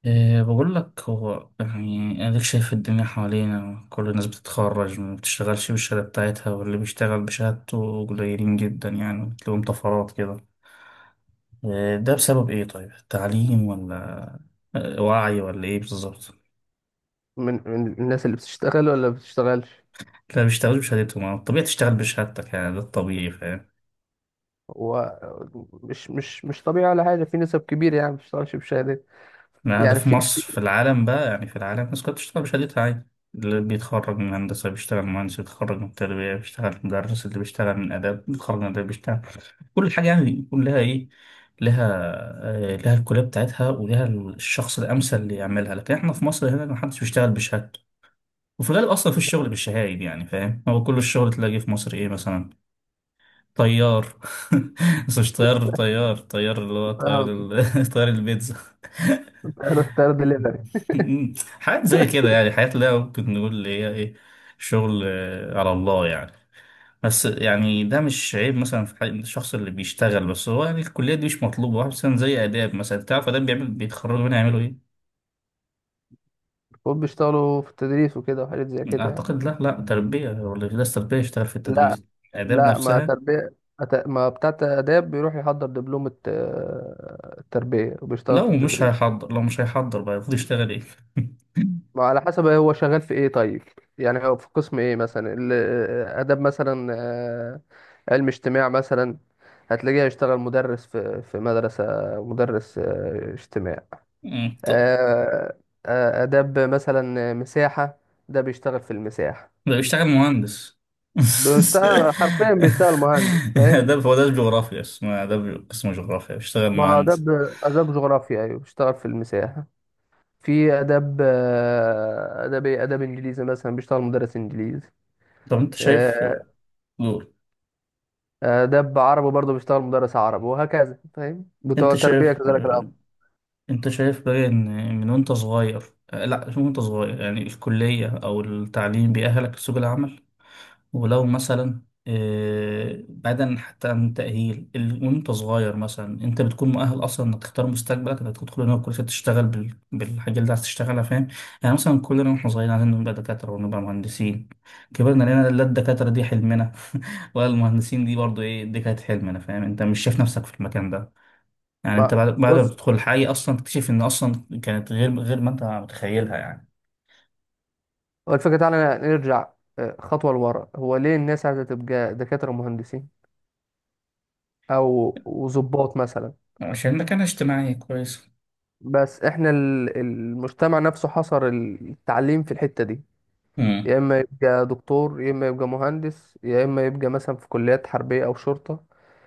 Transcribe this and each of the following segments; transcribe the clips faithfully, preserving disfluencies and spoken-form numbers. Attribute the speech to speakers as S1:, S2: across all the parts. S1: إيه بقول لك، هو يعني أديك شايف الدنيا حوالينا، كل الناس بتتخرج ما بتشتغلش بالشهادة بتاعتها، واللي بيشتغل بشهادته قليلين جدا، يعني بتلاقيهم طفرات كده. إيه ده بسبب إيه طيب؟ تعليم ولا؟ آه، وعي ولا إيه بالظبط؟
S2: من من الناس اللي بتشتغل ولا بتشتغلش.
S1: لا بيشتغلش بشهادتهم. آه، الطبيعي تشتغل بشهادتك، يعني ده الطبيعي، فاهم؟
S2: هو مش مش مش طبيعي ولا حاجة، في نسب كبيرة يعني ما بتشتغلش بشهادات.
S1: ما ده
S2: يعني
S1: في
S2: في في
S1: مصر، في العالم بقى، يعني في العالم الناس كلها بتشتغل بشهادتها عادي. اللي بيتخرج من هندسة بيشتغل مهندس، اللي بيتخرج من تربية بيشتغل مدرس، اللي بيشتغل من آداب بيتخرج من آداب بيشتغل. كل حاجة يعني يكون لها إيه، لها، آه، لها الكلية بتاعتها ولها الشخص الأمثل اللي يعملها، لكن إحنا في مصر هنا محدش بيشتغل بشهادته. وفي الغالب أصلا في الشغل بالشهايد، يعني فاهم، هو كل الشغل تلاقيه في مصر إيه مثلا؟ طيار. بس مش طيار طيار طيار اللي هو طيار
S2: اه،
S1: ال- طيار البيتزا.
S2: تلات دليفري.
S1: حاجات زي كده، يعني حاجات اللي هي ممكن نقول اللي هي إيه؟ شغل آه، على الله يعني. بس يعني ده مش عيب مثلا في حق الشخص اللي بيشتغل، بس هو يعني الكلية دي مش مطلوبة، واحد مثلا زي آداب، مثلا تعرف آداب بيعمل، بيتخرجوا منها يعملوا إيه؟
S2: المفروض بيشتغلوا في التدريس وكده وحاجات زي كده يعني.
S1: أعتقد لا، لا، تربية هو اللي درس تربية يشتغل في
S2: لا.
S1: التدريس. آداب
S2: لا ما
S1: نفسها.
S2: تربية. أت- ما بتاع آداب بيروح يحضر دبلومة آه، التربية وبيشتغل
S1: لو
S2: في
S1: مش
S2: التدريس.
S1: هيحضر لو مش هيحضر بقى، المفروض يشتغل إيه؟
S2: ما على حسب هو شغال في ايه طيب. يعني هو في قسم ايه مثلا ال- اداب مثلا، آه، علم اجتماع مثلا. هتلاقيه هيشتغل مدرس في في مدرسة، مدرس آه، اجتماع.
S1: مم، طب.
S2: آه، آه، اداب مثلا، آه، مساحة، ده بيشتغل في المساحة.
S1: ده بيشتغل مهندس.
S2: بيشتغل حرفيا، بيشتغل مهندس فاهم.
S1: آداب، هو ده جغرافيا اسمه آداب، اسمه جغرافيا بيشتغل
S2: ما
S1: مهندس.
S2: اداب، اداب جغرافيا ايوه بيشتغل في المساحة. في اداب، آه، اداب إيه؟ اداب انجليزي مثلا بيشتغل مدرس انجليزي.
S1: طب أنت شايف.
S2: آه،
S1: دول.
S2: آه، دب عربي برضه بيشتغل مدرس عربي وهكذا فاهم، بتوع
S1: أنت
S2: تربية
S1: شايف
S2: كذلك الأمر.
S1: انت شايف بقى ان، من وانت صغير. آه، لا مش من وانت صغير، يعني الكلية او التعليم بيأهلك لسوق العمل. ولو مثلا، آه، بعيدا حتى عن التأهيل ال- وانت صغير مثلا، انت بتكون مؤهل اصلا انك تختار مستقبلك، انك تدخل هنا الكلية تشتغل بال- بالحاجة اللي عايز تشتغلها، فاهم. يعني مثلا كلنا واحنا صغيرين عايزين نبقى دكاترة ونبقى مهندسين. كبرنا لقينا لا الدكاترة دي حلمنا ولا المهندسين دي، برضو ايه دي كانت حلمنا، فاهم؟ انت مش شايف نفسك في المكان ده. يعني انت
S2: بقى-
S1: بعد بعد ما
S2: بص،
S1: بتدخل الحي اصلا تكتشف ان اصلا كانت غير غير ما انت متخيلها يعني.
S2: هو الفكرة تعالى نرجع آه، خطوة لورا. هو ليه الناس عايزة تبقى دكاترة ومهندسين أو وظباط مثلا؟
S1: عشان مكانها اجتماعي كويس.
S2: بس احنا ال- المجتمع نفسه حصر التعليم في الحتة دي.
S1: امم.
S2: يا إما يبقى دكتور، يا إما يبقى مهندس، يا إما يبقى مثلا في كليات حربية أو شرطة،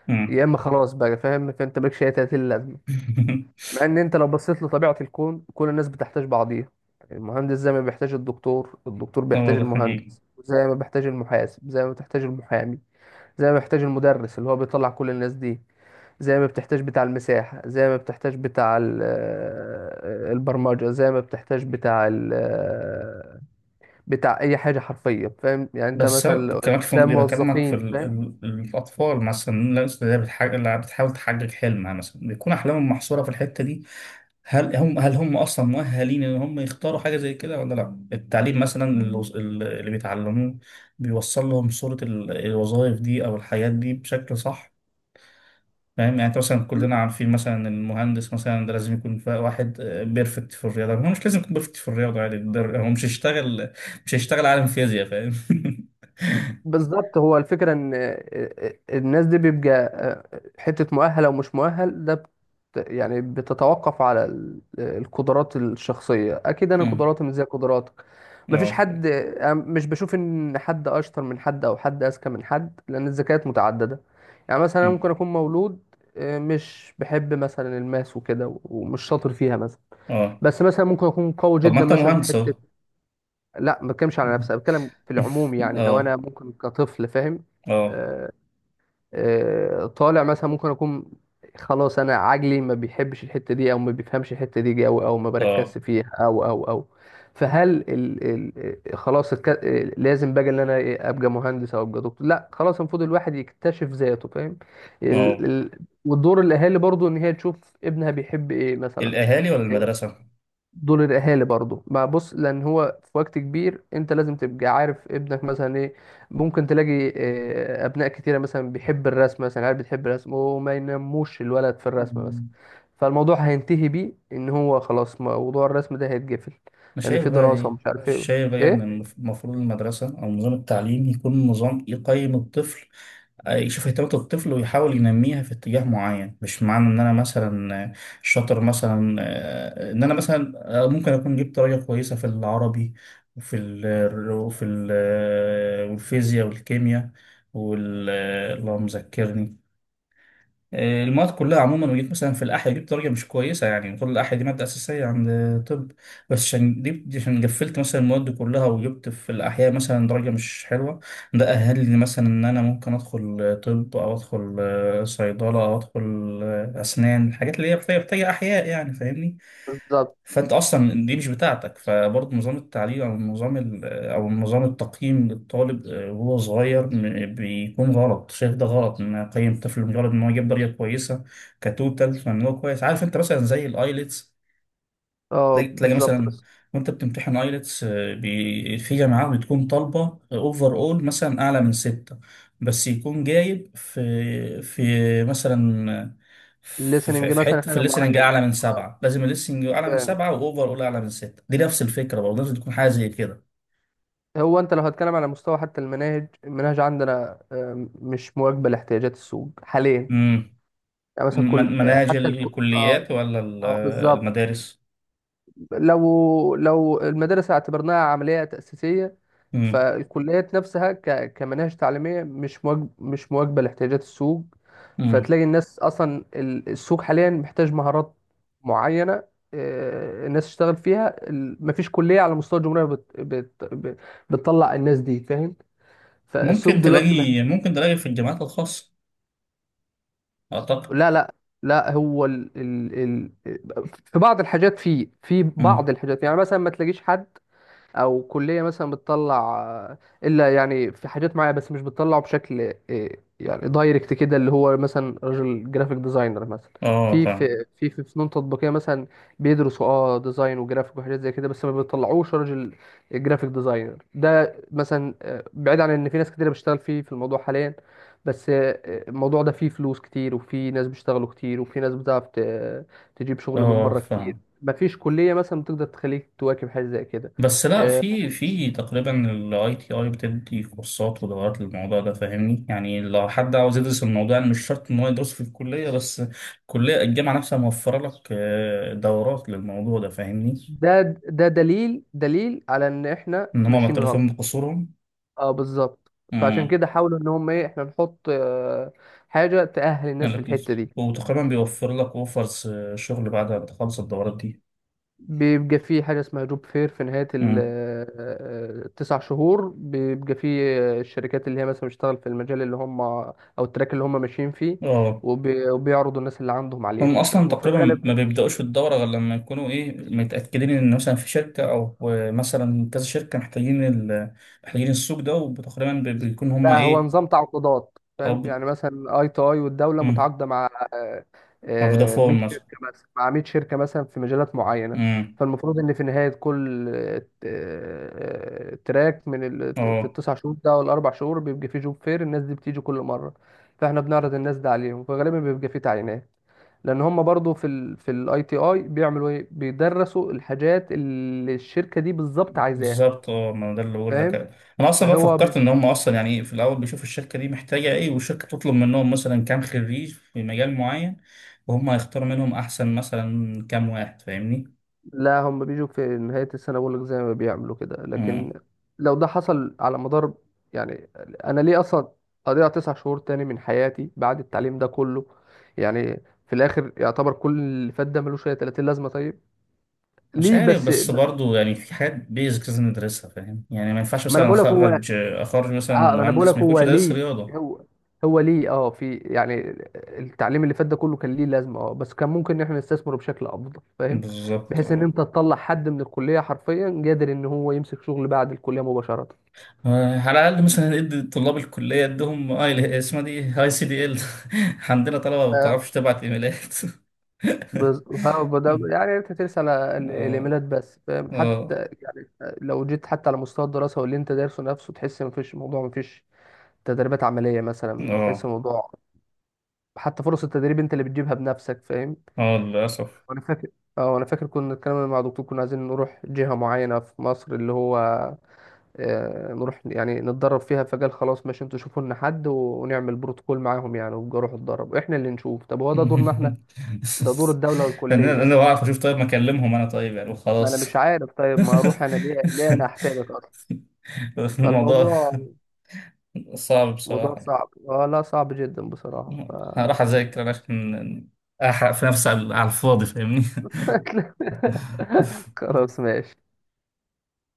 S1: امم.
S2: يا إما خلاص بقى فاهم. فأنت مالكش أي تلاتين لازمة. مع ان انت لو بصيت لطبيعة الكون، كل الناس بتحتاج بعضيها. المهندس زي ما بيحتاج الدكتور، الدكتور
S1: ده
S2: بيحتاج
S1: موضوع حقيقي.
S2: المهندس، زي ما بيحتاج المحاسب، زي ما بيحتاج المحامي، زي ما بيحتاج المدرس اللي هو بيطلع كل الناس دي، زي ما بتحتاج بتاع المساحة، زي ما بتحتاج بتاع ال- آه، البرمجة، زي ما بتحتاج بتاع ال- آه، بتاع أي حاجة حرفيا فاهم. يعني أنت
S1: بس
S2: مثلا
S1: هو-
S2: لو-
S1: كمان في
S2: ده
S1: مقدار اكلمك في
S2: موظفين
S1: ال...
S2: فاهم.
S1: ال... الاطفال مثلا، الناس اللي هي بتحاج... اللي بتحاول تحقق حلمها، مثلا بيكون احلامهم محصوره في الحته دي. هل هم هل هم اصلا مؤهلين ان هم يختاروا حاجه زي كده ولا لا؟ التعليم مثلا اللي, وص- اللي بيتعلموه بيوصل لهم صوره ال- الوظائف دي او الحياه دي بشكل صح؟ فاهم، يعني انت مثلا، كلنا عارفين مثلا إن المهندس مثلا ده لازم يكون ف- واحد بيرفكت في الرياضه، هو مش لازم يكون بيرفكت في الرياضه، يعني ده- هو مش هيشتغل مش هيشتغل عالم فيزياء، فاهم.
S2: بالظبط، هو الفكرة ان الناس دي بيبقى حتة مؤهل او مش مؤهل، ده بت يعني بتتوقف على ال- القدرات الشخصية. اكيد انا
S1: أمم،
S2: قدراتي مش زي قدراتك. مفيش
S1: اه.
S2: حد، أنا مش بشوف ان حد اشطر من حد او حد اذكى من حد، لان الذكاءات متعددة. يعني مثلا أنا
S1: أمم،
S2: ممكن اكون مولود آه، مش بحب مثلا الماس وكده ومش شاطر فيها مثلا،
S1: اه.
S2: بس مثلا ممكن اكون قوي
S1: طب ما
S2: جدا
S1: انت
S2: مثلا في
S1: مهندس
S2: حتة.
S1: اهو.
S2: لا، ما بتكلمش على نفسي، أنا بتكلم في العموم يعني، لو
S1: اه،
S2: انا ممكن كطفل فاهم،
S1: اه،
S2: آه، آه، طالع مثلا، ممكن اكون خلاص انا عجلي ما بيحبش الحته دي او ما بيفهمش الحته دي او او ما
S1: اه،
S2: بركزش فيها او او او. فهل ال ال آه، خلاص الك- آه، لازم بقى ان انا إيه، ابقى مهندس او ابقى دكتور؟ لا خلاص، المفروض الواحد يكتشف ذاته فاهم. ال
S1: اه.
S2: ال ودور الاهالي برضو ان هي تشوف ابنها بيحب ايه مثلا.
S1: الاهالي ولا المدرسه؟
S2: دول الاهالي برضو بقى، بص، لان هو في وقت كبير انت لازم تبقى عارف ابنك مثلا ايه. ممكن تلاقي آه، ابناء كتيره مثلا بيحب الرسم مثلا، عارف بتحب الرسم، وما ينموش الولد في الرسم مثلا،
S1: أمم.
S2: فالموضوع هينتهي بيه ان هو خلاص موضوع الرسم ده هيتقفل،
S1: انا
S2: لان
S1: شايف
S2: في
S1: بقى
S2: دراسه
S1: ايه.
S2: ومش عارف ايه.
S1: شايف بقى ان
S2: ايه
S1: المف- المفروض المدرسه او نظام التعليم يكون نظام يقيم الطفل، يشوف اهتمامات الطفل ويحاول ينميها في اتجاه معين. مش معنى ان انا مثلا شاطر مثلا، آه، ان انا مثلا، آه، ممكن اكون جبت درجة كويسة في العربي، وفي ال وفي ال آه، والفيزياء والكيمياء، وال آه، اللهم ذكرني، آه، المواد كلها عموما، وجيت مثلا في الأحياء جبت درجة مش كويسة، يعني طول الأحياء دي مادة أساسية عند. طب، بس عشان دي، عشان قفلت مثلا المواد دي كلها وجبت في الأحياء مثلا درجة مش حلوة، ده أهلني مثلا إن أنا ممكن أدخل طب أو أدخل آه، صيدلة أو أدخل آه، أسنان، الحاجات اللي هي محتاجة محتاجة أحياء يعني، فاهمني.
S2: بالظبط.
S1: فأنت أصلا دي مش بتاعتك، فبرضه نظام التعليم أو نظام او نظام التقييم للطالب، آه، وهو صغير م- بيكون غلط. شايف ده غلط ان اقيم طفل مجرد ان هو يجيب درجه كويسه كتوتال، فان هو كويس. عارف انت مثلا زي الايلتس، تلاقي
S2: اه
S1: تلاقي
S2: بالظبط
S1: مثلا،
S2: بس.
S1: وانت بتمتحن ايلتس، في جامعات بتكون طالبه اوفر اول مثلا اعلى من ستة، بس يكون جايب في في مثلا في في-
S2: الليسننج
S1: في
S2: مثلا
S1: حته في
S2: حاجه
S1: الليسننج
S2: معينه.
S1: اعلى من
S2: اه
S1: سبعه، لازم الليسننج اعلى من
S2: فاهم.
S1: سبعه واوفر اول اعلى من سته، دي نفس الفكره برضه،
S2: فاهم.
S1: لازم تكون حاجه زي
S2: هو انت لو هتكلم على مستوى حتى المناهج، المناهج عندنا آه، مش مواكبه لاحتياجات السوق
S1: كده.
S2: حاليا. يعني مثلا كل
S1: من- مناهج
S2: حتى الكل... اه،
S1: الكليات ولا ال-
S2: اه بالظبط.
S1: المدارس؟
S2: لو لو المدارس اعتبرناها عملية تأسيسية،
S1: مم.
S2: فالكليات نفسها ك... كمناهج تعليمية مش مواج... مش مواكبة لاحتياجات السوق.
S1: مم.
S2: فتلاقي الناس أصلا، ال- السوق حاليا محتاج مهارات معينة آه، الناس تشتغل فيها. ال- مفيش كلية على مستوى الجمهورية بت... بت... بت- بتطلع الناس دي فاهم. فالسوق
S1: ممكن
S2: دلوقتي،
S1: تلاقي ممكن تلاقي في الجامعات الخاصة، أعتقد.
S2: لا لا، لا هو ال... ال... ال... في بعض الحاجات، فيه في بعض
S1: مم.
S2: الحاجات يعني، مثلا ما تلاقيش حد او كليه مثلا بتطلع الا يعني في حاجات معينه، بس مش بتطلعه بشكل إيه، يعني دايركت كده، اللي هو مثلا راجل جرافيك ديزاينر مثلا.
S1: اه،
S2: في
S1: فاهم.
S2: في في في فنون تطبيقيه مثلا بيدرسوا اه ديزاين وجرافيك وحاجات زي كده، بس ما بيطلعوش راجل جرافيك ديزاينر. ده مثلا آه، بعيد عن ان في ناس كتير بتشتغل فيه في الموضوع حاليا، بس آه، الموضوع ده فيه فلوس كتير، وفي ناس بيشتغلوا كتير، وفي ناس بتعرف ت- تجيب شغل من
S1: اه،
S2: بره كتير.
S1: فاهم.
S2: مفيش كليه مثلا بتقدر تخليك تواكب حاجه زي كده.
S1: بس لا
S2: آه،
S1: في في تقريبا الاي تي اي بتدي كورسات ودورات للموضوع ده، فاهمني؟ يعني لو حد عاوز يدرس الموضوع، يعني مش شرط ان هو يدرسه في الكلية بس، الكلية الجامعة نفسها موفرة لك آه، دورات للموضوع ده، فاهمني.
S2: ده، ده دليل، دليل على ان احنا
S1: ان هم
S2: ماشيين غلط.
S1: معترفين بقصورهم،
S2: اه بالظبط، فعشان كده حاولوا ان هم ايه، احنا نحط آه، حاجه تأهل
S1: يعني
S2: الناس في الحته
S1: لطيف.
S2: دي.
S1: وتقريبا بيوفر لك اوفرز شغل بعد ما تخلص الدورات دي.
S2: بيبقى في حاجه اسمها جوب فير في نهايه ال-
S1: امم.
S2: آه، آه، التسع شهور. بيبقى في آه، الشركات اللي هي مثلا بتشتغل في المجال اللي هم او التراك اللي هم ماشيين فيه،
S1: اه.
S2: وبي- وبيعرضوا الناس اللي عندهم
S1: هم
S2: عليهم
S1: اصلا
S2: فاهم؟ وفي
S1: تقريبا ما
S2: الغالب،
S1: بيبداوش في الدوره غير لما يكونوا ايه، متاكدين ان مثلا في شركه او مثلا كذا شركه محتاجين ال... محتاجين السوق ده، وتقريبا بيكون هم
S2: لا هو
S1: ايه.
S2: نظام تعاقدات
S1: او ب...
S2: فاهم. يعني مثلا اي تو اي والدوله
S1: مم.
S2: متعاقده مع آه،
S1: أو
S2: آه،
S1: فودافون
S2: مية
S1: مثلا.
S2: شركه، مثلا مع مية شركه مثلا في مجالات معينه.
S1: امم.
S2: فالمفروض ان في نهايه كل آه، آه، تراك من ال... في
S1: اه،
S2: التسع شهور ده والاربع شهور بيبقى فيه جوب فير، الناس دي بتيجي كل مره، فاحنا بنعرض الناس ده عليهم، فغالبا بيبقى فيه تعيينات، لان هم برضو في ال في الاي تي اي بيعملوا ايه، بيدرسوا الحاجات اللي الشركه دي بالظبط عايزاها
S1: بالظبط. اه ما ده اللي بقول لك.
S2: فاهم.
S1: انا اصلا بقى
S2: فهو
S1: فكرت ان هم اصلا يعني إيه، في الاول بيشوفوا الشركه دي محتاجه ايه، والشركه تطلب منهم مثلا كام خريج في مجال معين، وهم هيختاروا منهم احسن مثلا كام واحد، فاهمني.
S2: لا، هم بيجوا في نهاية السنة بقول لك زي ما بيعملوا كده، لكن
S1: مم.
S2: لو ده حصل على مدار، يعني أنا ليه أصلا أضيع تسع شهور تاني من حياتي بعد التعليم ده كله؟ يعني في الآخر يعتبر كل اللي فات ده ملوش أي تلاتين لازمة طيب.
S1: مش
S2: ليه
S1: عارف،
S2: بس.
S1: بس برضو يعني في حاجات بيزكس لازم ندرسها، فاهم؟ يعني ما ينفعش
S2: ما أنا
S1: مثلا
S2: بقول لك هو،
S1: اخرج اخرج مثلا
S2: اه انا بقول لك
S1: مهندس ما
S2: هو
S1: يكونش دارس
S2: ليه.
S1: رياضه.
S2: هو هو ليه اه في يعني، التعليم اللي فات ده كله كان ليه لازمه اه، بس كان ممكن ان احنا نستثمره بشكل افضل فاهم،
S1: بالظبط،
S2: بحيث ان
S1: اه.
S2: انت تطلع حد من الكليه حرفيا قادر ان هو يمسك شغل بعد الكليه مباشره.
S1: آه، على الاقل مثلا ادي طلاب الكليه ادهم اي اسمها دي هاي سي دي ال. عندنا طلبه ما
S2: آه،
S1: بتعرفش تبعت ايميلات.
S2: بز... ها ده
S1: مم.
S2: يعني انت ترسل على ال-
S1: اه.
S2: الايميلات بس فاهم،
S1: اه.
S2: حتى يعني آه، لو جيت حتى على مستوى الدراسه واللي انت دارسه نفسه تحس مفيش موضوع، مفيش تدريبات عمليه مثلا تحس
S1: اه.
S2: الموضوع. حتى فرص التدريب انت اللي بتجيبها بنفسك فاهم.
S1: اه، للأسف.
S2: انا فاكر، اه انا فاكر كنا اتكلمنا مع دكتور، كنا عايزين نروح جهة معينة في مصر، اللي هو آه، نروح يعني نتدرب فيها، فقال خلاص ماشي انتوا شوفوا لنا حد و- ونعمل بروتوكول معاهم يعني، وابقوا روحوا اتدربوا احنا اللي نشوف. طب هو ده دورنا احنا؟ ده دور الدولة
S1: انا
S2: والكلية.
S1: انا بعرف اشوف طيب، ما اكلمهم انا طيب يعني
S2: ما انا
S1: وخلاص.
S2: مش عارف، طيب ما اروح انا ليه؟ ليه انا احتاجك اصلا؟
S1: الموضوع
S2: فالموضوع،
S1: صعب
S2: موضوع
S1: بصراحة يعني.
S2: صعب اه، لا صعب جدا بصراحة ف...
S1: هروح اذاكر أنا عشان احرق في نفسي على على الفاضي، فاهمني.
S2: خلاص ماشي